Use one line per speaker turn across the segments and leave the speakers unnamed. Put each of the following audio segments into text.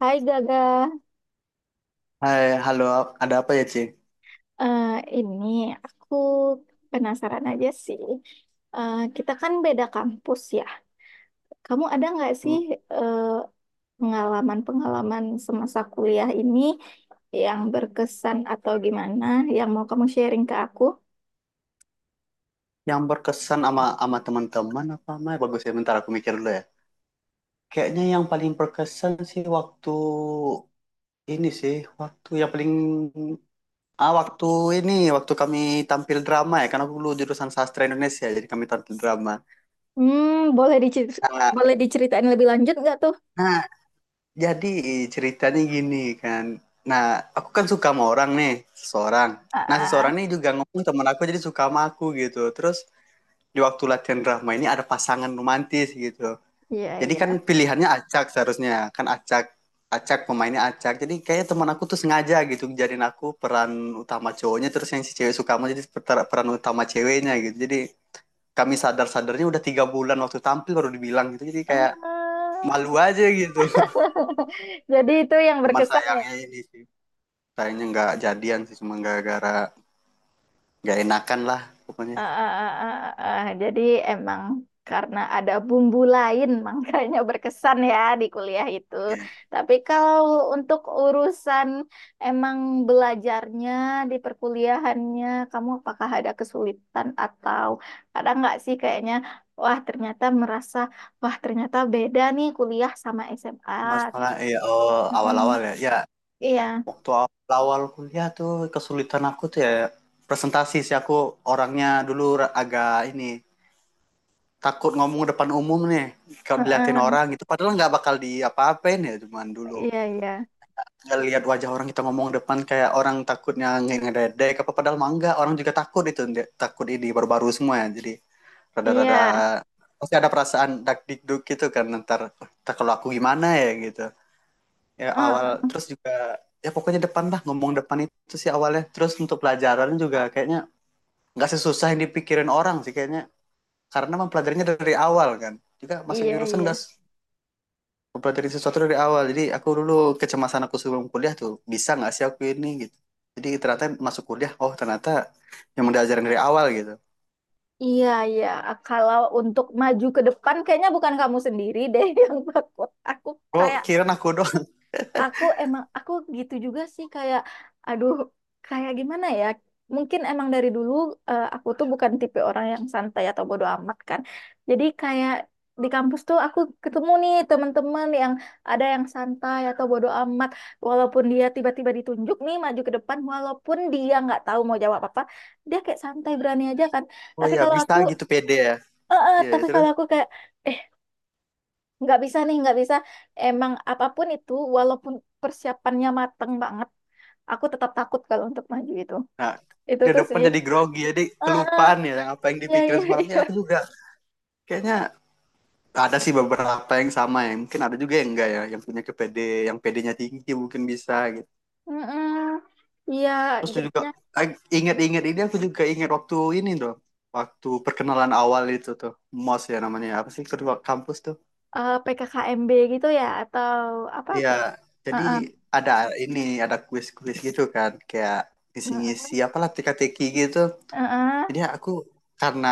Hai Gaga,
Hai, halo, ada apa ya, Ci?
Eh, ini aku penasaran aja sih. Eh, kita kan beda kampus ya. Kamu ada nggak sih
Hmm.
eh, pengalaman-pengalaman semasa kuliah ini yang berkesan atau gimana yang mau kamu sharing ke aku?
Yang berkesan sama sama teman-teman apa sama bagus ya? Bentar aku mikir dulu ya. Kayaknya yang paling berkesan sih waktu ini sih, waktu yang paling waktu ini waktu kami tampil drama ya, karena aku dulu jurusan sastra Indonesia, jadi kami tampil drama.
Hmm, boleh dicer-
Nah,
boleh diceritain lebih lanjut nggak tuh?
nah, jadi ceritanya gini kan. Nah, aku kan suka sama orang nih, seseorang.
Ah,
Nah, seseorang
ah,
nih juga ngomong teman aku jadi suka sama aku gitu. Terus di waktu latihan drama ini ada pasangan romantis gitu.
iya
Jadi
iya.
kan pilihannya acak, seharusnya kan acak acak pemainnya acak. Jadi kayaknya teman aku tuh sengaja gitu jadiin aku peran utama cowoknya, terus yang si cewek suka sama jadi peran utama ceweknya gitu. Jadi kami sadar-sadarnya udah 3 bulan, waktu tampil baru dibilang gitu. Jadi kayak
Eh,
malu aja gitu.
jadi itu yang
Cuman
berkesan.
sayangnya nggak jadian sih, cuma gara-gara nggak enakan lah pokoknya.
Ah, ah, ah, ah, ah, ah. Jadi emang karena ada bumbu lain makanya berkesan ya di kuliah itu.
Iya.
Tapi kalau untuk urusan emang belajarnya di perkuliahannya, kamu apakah ada kesulitan atau ada nggak sih kayaknya, wah ternyata merasa, wah ternyata beda nih kuliah sama SMA.
Masalah ya, oh awal-awal
Mm-mm.
ya. Ya,
Iya,
waktu awal kuliah tuh kesulitan aku tuh ya presentasi sih. Aku orangnya dulu agak ini takut ngomong depan umum nih kalau diliatin
heeh.
orang gitu, padahal nggak bakal di apa-apain ya. Cuman dulu
Iya, iya,
nggak lihat wajah orang, kita ngomong depan kayak orang takutnya ngededek apa padahal mah enggak. Orang juga takut itu, takut ini, baru-baru semua ya, jadi
iya,
rada-rada pasti ada perasaan dak dikduk gitu kan. Ntar, kalau aku gimana ya gitu ya
heeh.
awal. Terus juga ya pokoknya depan lah, ngomong depan itu sih awalnya. Terus untuk pelajaran juga kayaknya nggak sesusah yang dipikirin orang sih kayaknya, karena mempelajarinya dari awal kan, juga masuk
Iya,
jurusan nggak
iya.
mempelajari sesuatu dari awal. Jadi aku dulu kecemasan aku sebelum kuliah tuh bisa nggak sih aku ini gitu. Jadi ternyata masuk kuliah oh ternyata yang diajarin dari awal gitu.
Iya, iya. Kalau untuk maju ke depan, kayaknya bukan kamu sendiri deh yang takut. Aku
Oh,
kayak,
kirain aku doang.
aku emang, aku gitu juga sih kayak, aduh, kayak gimana ya? Mungkin emang dari dulu aku tuh bukan tipe orang yang santai atau bodo amat kan. Jadi kayak di kampus tuh aku ketemu nih teman-teman yang ada yang santai atau bodo amat. Walaupun dia tiba-tiba ditunjuk nih maju ke depan, walaupun dia nggak tahu mau jawab apa, dia kayak santai berani aja kan.
Oh
Tapi
ya,
kalau
bisa
aku.
gitu pede ya.
Eh, eh,
Ya
tapi
terus,
kalau aku kayak eh nggak bisa nih nggak bisa emang apapun itu walaupun persiapannya mateng banget aku tetap takut kalau untuk maju itu
nah
itu
di
tuh
depan
sih.
jadi grogi, jadi
Eh, eh,
kelupaan ya yang apa yang
iya
dipikirin
iya
semalamnya,
iya.
aku juga kayaknya. Ada sih beberapa yang sama ya. Mungkin ada juga yang enggak ya, yang punya ke PD, yang PD-nya tinggi mungkin bisa gitu.
Mm-mm. Iya,
Terus juga
jadinya
eh, ingat-ingat ini aku juga ingat waktu ini tuh, waktu perkenalan awal itu tuh, MOS ya namanya. Apa sih kedua kampus tuh?
PKKMB gitu ya atau apa
Iya,
tuh. Eh,
jadi
eh,
ada ini, ada kuis-kuis gitu kan, kayak
mm.
ngisi-ngisi apalah teka-teki gitu.
Eh,
Jadi
eh.
aku karena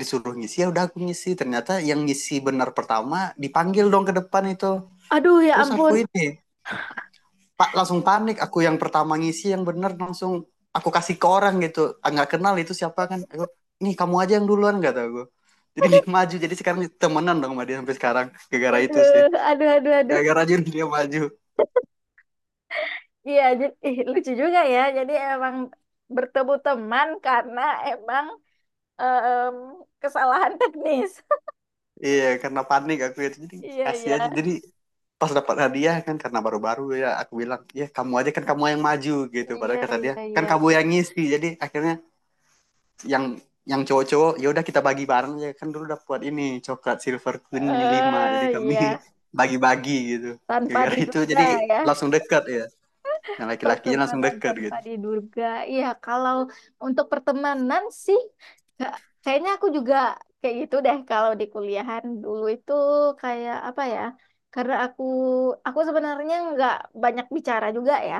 disuruh ngisi ya udah aku ngisi. Ternyata yang ngisi benar pertama dipanggil dong ke depan itu.
Aduh ya
Terus aku
ampun,
ini Pak langsung panik. Aku yang pertama ngisi yang bener langsung aku kasih ke orang gitu. Ah, nggak kenal itu siapa kan. Aku, nih kamu aja yang duluan kata gue. Jadi dia maju. Jadi sekarang temenan dong sama dia sampai sekarang. Gara-gara itu sih.
aduh aduh aduh, aduh
Gara-gara aja dia maju.
iya jadi ih, lucu juga ya jadi emang bertemu teman karena emang em, kesalahan teknis.
Iya karena panik aku itu. Jadi
Iya,
kasih
iya.
aja. Jadi pas dapat hadiah kan, karena baru-baru ya aku bilang ya kamu aja kan kamu yang maju gitu,
Iya,
padahal kata dia
iya,
kan
iya.
kamu yang ngisi. Jadi akhirnya yang cowok-cowok ya udah kita bagi bareng ya kan. Dulu dapat ini coklat Silver Queen lima, jadi
Eh,
kami
iya.
bagi-bagi gitu
Tanpa
gara-gara itu.
diduga
Jadi
ya.
langsung dekat ya, yang laki-lakinya langsung
Pertemanan
dekat
tanpa
gitu.
diduga. Iya, kalau untuk pertemanan sih nggak- kayaknya aku juga kayak gitu deh kalau di kuliahan dulu itu kayak apa ya? Karena aku sebenarnya nggak banyak bicara juga ya.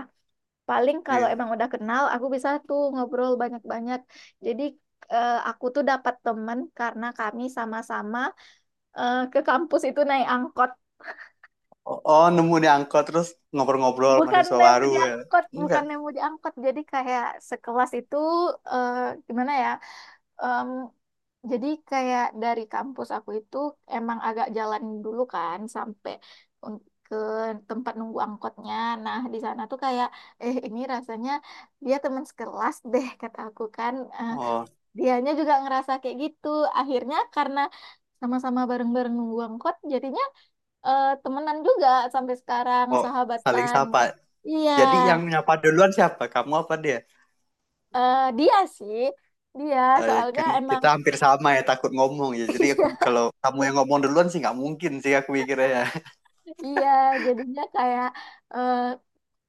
Paling kalau emang
Iya.
udah kenal aku bisa tuh ngobrol banyak-banyak. Jadi aku tuh dapat temen karena kami sama-sama ke kampus itu naik angkot.
Oh, oh, nemu di angkot terus ngobrol-ngobrol
Bukan
mahasiswa
nemu
baru
di
ya?
angkot, bukan
Enggak.
nemu di angkot. Jadi kayak sekelas itu eh, gimana ya? Em, jadi kayak dari kampus aku itu emang agak jalan dulu kan sampai ke tempat nunggu angkotnya. Nah, di sana tuh kayak ini rasanya dia teman sekelas deh kata aku kan. Eh,
Oh,
dianya juga ngerasa kayak gitu. Akhirnya karena sama-sama bareng-bareng nunggu angkot, jadinya temenan juga sampai sekarang
oh, saling
sahabatan.
sapa,
Iya,
jadi yang nyapa duluan siapa, kamu apa dia?
eh, dia sih, dia
Eh, ya
soalnya
kan
emang
kita hampir sama ya takut ngomong ya, jadi aku
iya
kalau kamu yang ngomong duluan sih nggak mungkin sih, aku mikirnya ya.
iya jadinya kayak eh,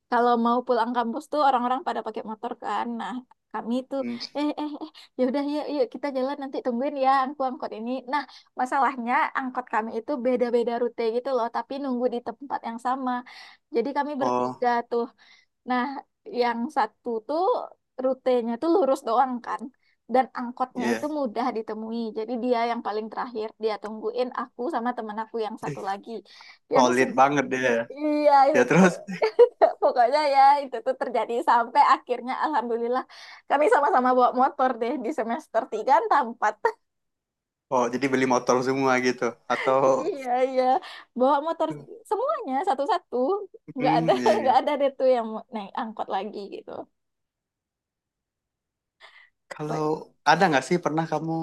kalau mau pulang kampus tuh orang-orang pada pakai motor kan. Nah, kami tuh eh eh eh ya udah yuk yuk kita jalan nanti tungguin ya aku angkot ini. Nah, masalahnya angkot kami itu beda-beda rute gitu loh, tapi nunggu di tempat yang sama. Jadi kami
Oh
bertiga tuh. Nah, yang satu tuh rutenya tuh lurus doang kan. Dan angkotnya
iya, yeah.
itu mudah ditemui. Jadi dia yang paling terakhir. Dia tungguin aku sama temen aku yang satu lagi. Yang
Solid
su-
banget dia.
iya
Ya terus,
pokoknya ya itu tuh terjadi sampai akhirnya alhamdulillah kami sama-sama bawa motor deh di semester 3 entah 4.
oh jadi beli motor semua gitu. Atau,
Iya iya bawa motor semuanya satu-satu. Nggak
hmm,
ada
iya, iya.
nggak ada deh tuh yang mau naik angkot lagi gitu.
Kalau ada nggak sih pernah kamu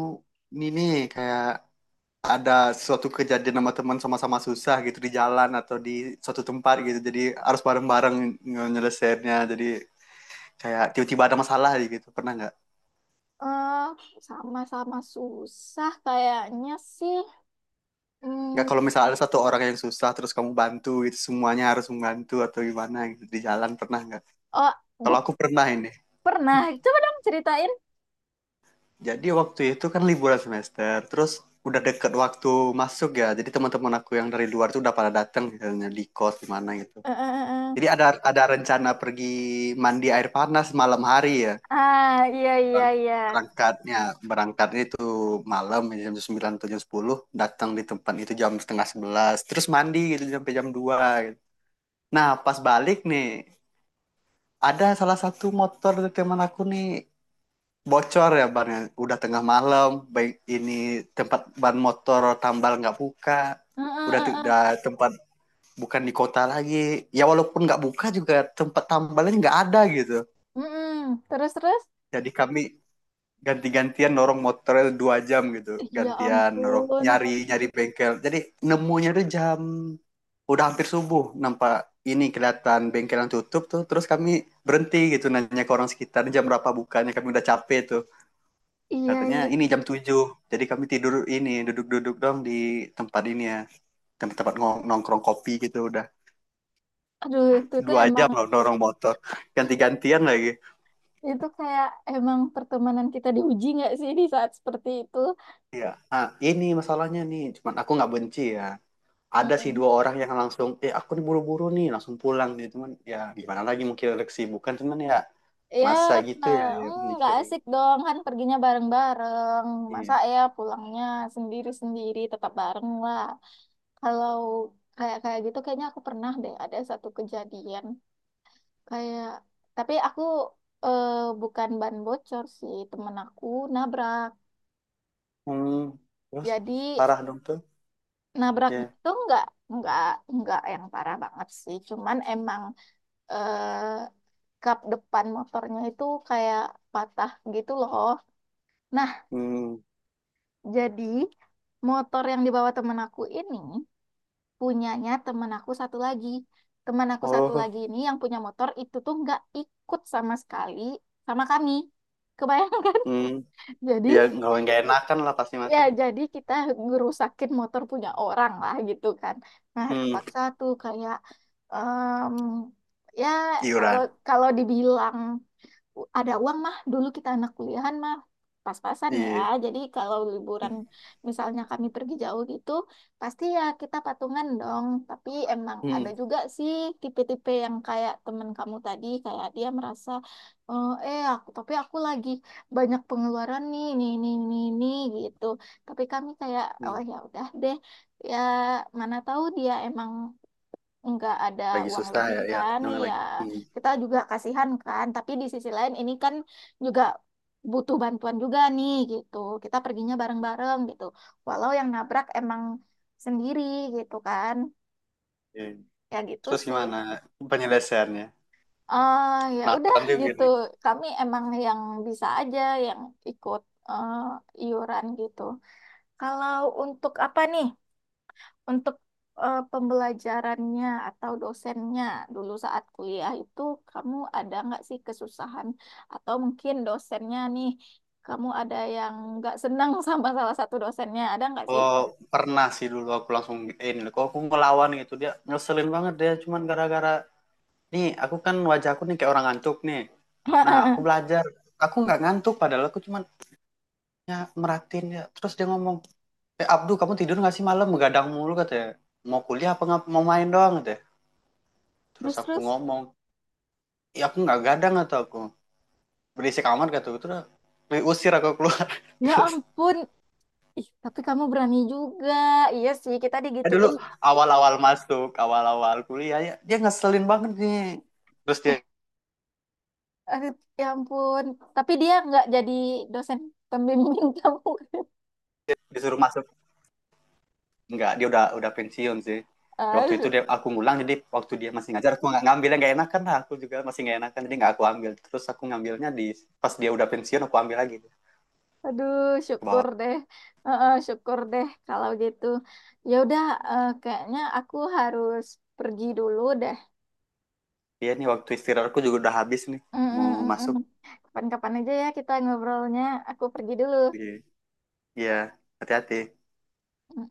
ini nih kayak ada suatu kejadian sama teman sama-sama susah gitu di jalan atau di suatu tempat gitu? Jadi harus bareng-bareng nyelesainnya. Jadi kayak tiba-tiba ada masalah aja gitu. Pernah nggak?
eh sama-sama susah kayaknya sih.
Nggak,
Hmm,
kalau misalnya ada satu orang yang susah terus kamu bantu gitu semuanya harus membantu atau gimana gitu di jalan, pernah nggak?
oh,
Kalau
bu-
aku pernah ini.
pernah. Coba dong ceritain.
Jadi waktu itu kan liburan semester, terus udah deket waktu masuk ya. Jadi teman-teman aku yang dari luar tuh udah pada datang, misalnya di kos di mana gitu.
Eh, eh, eh,
Jadi
eh.
ada rencana pergi mandi air panas malam hari ya.
Ah, iya, iya,
Berang-
iya.
Berangkatnya berangkatnya itu malam ya, jam 9 atau jam 10, datang di tempat itu jam setengah sebelas, terus mandi gitu sampai jam 2 gitu. Nah, pas balik nih ada salah satu motor dari teman aku nih bocor ya bannya, udah tengah malam, baik ini tempat ban motor tambal nggak buka,
Eh, eh,
udah
eh,
tidak
eh.
tempat bukan di kota lagi ya, walaupun nggak buka juga tempat tambalnya nggak ada gitu.
Mm-mm. Terus, terus.
Jadi kami ganti-gantian norong motornya 2 jam gitu,
Ya
gantian norong
ampun.
nyari nyari bengkel. Jadi nemunya tuh jam udah hampir subuh, nampak ini kelihatan bengkel yang tutup tuh. Terus kami berhenti gitu nanya ke orang sekitar jam berapa bukanya, kami udah capek tuh.
Iya,
Katanya
iya.
ini jam 7. Jadi kami tidur ini duduk-duduk dong di tempat ini ya. Tempat-tempat nongkrong kopi gitu udah
Aduh, itu tuh
dua
emang,
jam loh dorong motor. Ganti-gantian lagi.
itu kayak emang pertemanan kita diuji nggak sih di saat seperti itu?
Iya. Ah, ini masalahnya nih. Cuman aku nggak benci ya. Ada sih
Mm-mm.
dua orang yang langsung, eh aku nih buru-buru nih langsung pulang nih. Cuman ya gimana lagi mungkin ada kesibukan. Cuman ya
Ya,
masa gitu ya, ya
mm, nggak
mikirin.
asik dong kan perginya bareng-bareng. Masa
Iya.
ya pulangnya sendiri-sendiri tetap bareng lah. Kalau kayak kayak gitu kayaknya aku pernah deh ada satu kejadian kayak tapi aku eh, bukan ban bocor sih temen aku nabrak.
Hmm, terus
Jadi
parah dong tuh.
nabrak
Ya.
itu nggak nggak nggak yang parah banget sih. Cuman emang eh, kap depan motornya itu kayak patah gitu loh. Nah
Hmm.
jadi motor yang dibawa temen aku ini punyanya teman aku satu lagi. Teman aku satu
Oh.
lagi ini yang punya motor itu tuh nggak ikut sama sekali sama kami. Kebayang kan?
Hmm.
Jadi
Ya nggak enakan lah pasti
ya
macam.
jadi kita ngerusakin motor punya orang lah gitu kan. Nah,
Hmm.
kepaksa tuh kayak em, ya kalau
Iuran.
kalau dibilang ada uang mah dulu kita anak kuliahan mah pas-pasan ya
Iya.
jadi kalau liburan misalnya kami pergi jauh gitu pasti ya kita patungan dong tapi emang
Hmm,
ada juga sih tipe-tipe yang kayak temen kamu tadi kayak dia merasa "Oh, aku lagi banyak pengeluaran nih nih nih nih nih gitu tapi kami kayak oh
hmm.
ya udah deh ya mana tahu dia emang nggak ada
Lagi
uang
susah
lebih
ya, ya
kan
namanya
ya
lagi. Hmm,
kita juga kasihan kan tapi di sisi lain ini kan juga butuh bantuan juga nih gitu kita perginya bareng-bareng gitu walau yang nabrak emang sendiri gitu kan
iya.
ya gitu
Terus
sih.
gimana penyelesaiannya,
Ya udah
penasaran juga
gitu
nih.
kami emang yang bisa aja yang ikut eh, iuran gitu. Kalau untuk apa nih, untuk pembelajarannya atau dosennya dulu saat kuliah itu kamu ada nggak sih kesusahan atau mungkin dosennya nih kamu ada yang nggak senang sama salah satu dosennya ada nggak sih?
Oh, pernah sih dulu aku langsung eh, ini kok aku ngelawan gitu, dia ngeselin banget dia, cuman gara-gara nih aku kan wajahku nih kayak orang ngantuk nih. Nah aku belajar aku nggak ngantuk, padahal aku cuman ya merhatiin ya. Terus dia ngomong, eh Abdu kamu tidur nggak sih malam begadang mulu katanya, mau kuliah apa nggak mau main doang katanya. Terus
Terus
aku
terus.
ngomong ya aku nggak gadang atau aku berisik amat gitu. Terus diusir aku keluar.
Ya
Terus
ampun, ih tapi kamu berani juga. Iya sih kita
dulu
digituin.
awal-awal masuk awal-awal kuliah ya dia ngeselin banget nih. Terus dia,
Eh, ya ampun, tapi dia nggak jadi dosen pembimbing kamu.
dia disuruh masuk enggak, dia udah pensiun sih. Ya, waktu itu
Ah,
dia aku ngulang, jadi waktu dia masih ngajar aku nggak ngambilnya nggak enakan lah aku juga masih nggak enakan, jadi nggak aku ambil. Terus aku ngambilnya di pas dia udah pensiun aku ambil lagi ke
aduh, syukur
bawah.
deh. Heeh, syukur deh kalau gitu. Ya udah, kayaknya aku harus pergi dulu deh.
Dia nih waktu istirahat aku juga udah habis nih
Mm, mm,
mau
mm,
masuk.
mm. Kapan-kapan aja ya kita ngobrolnya. Aku pergi dulu.
Iya, iya, hati-hati.
Mm, mm.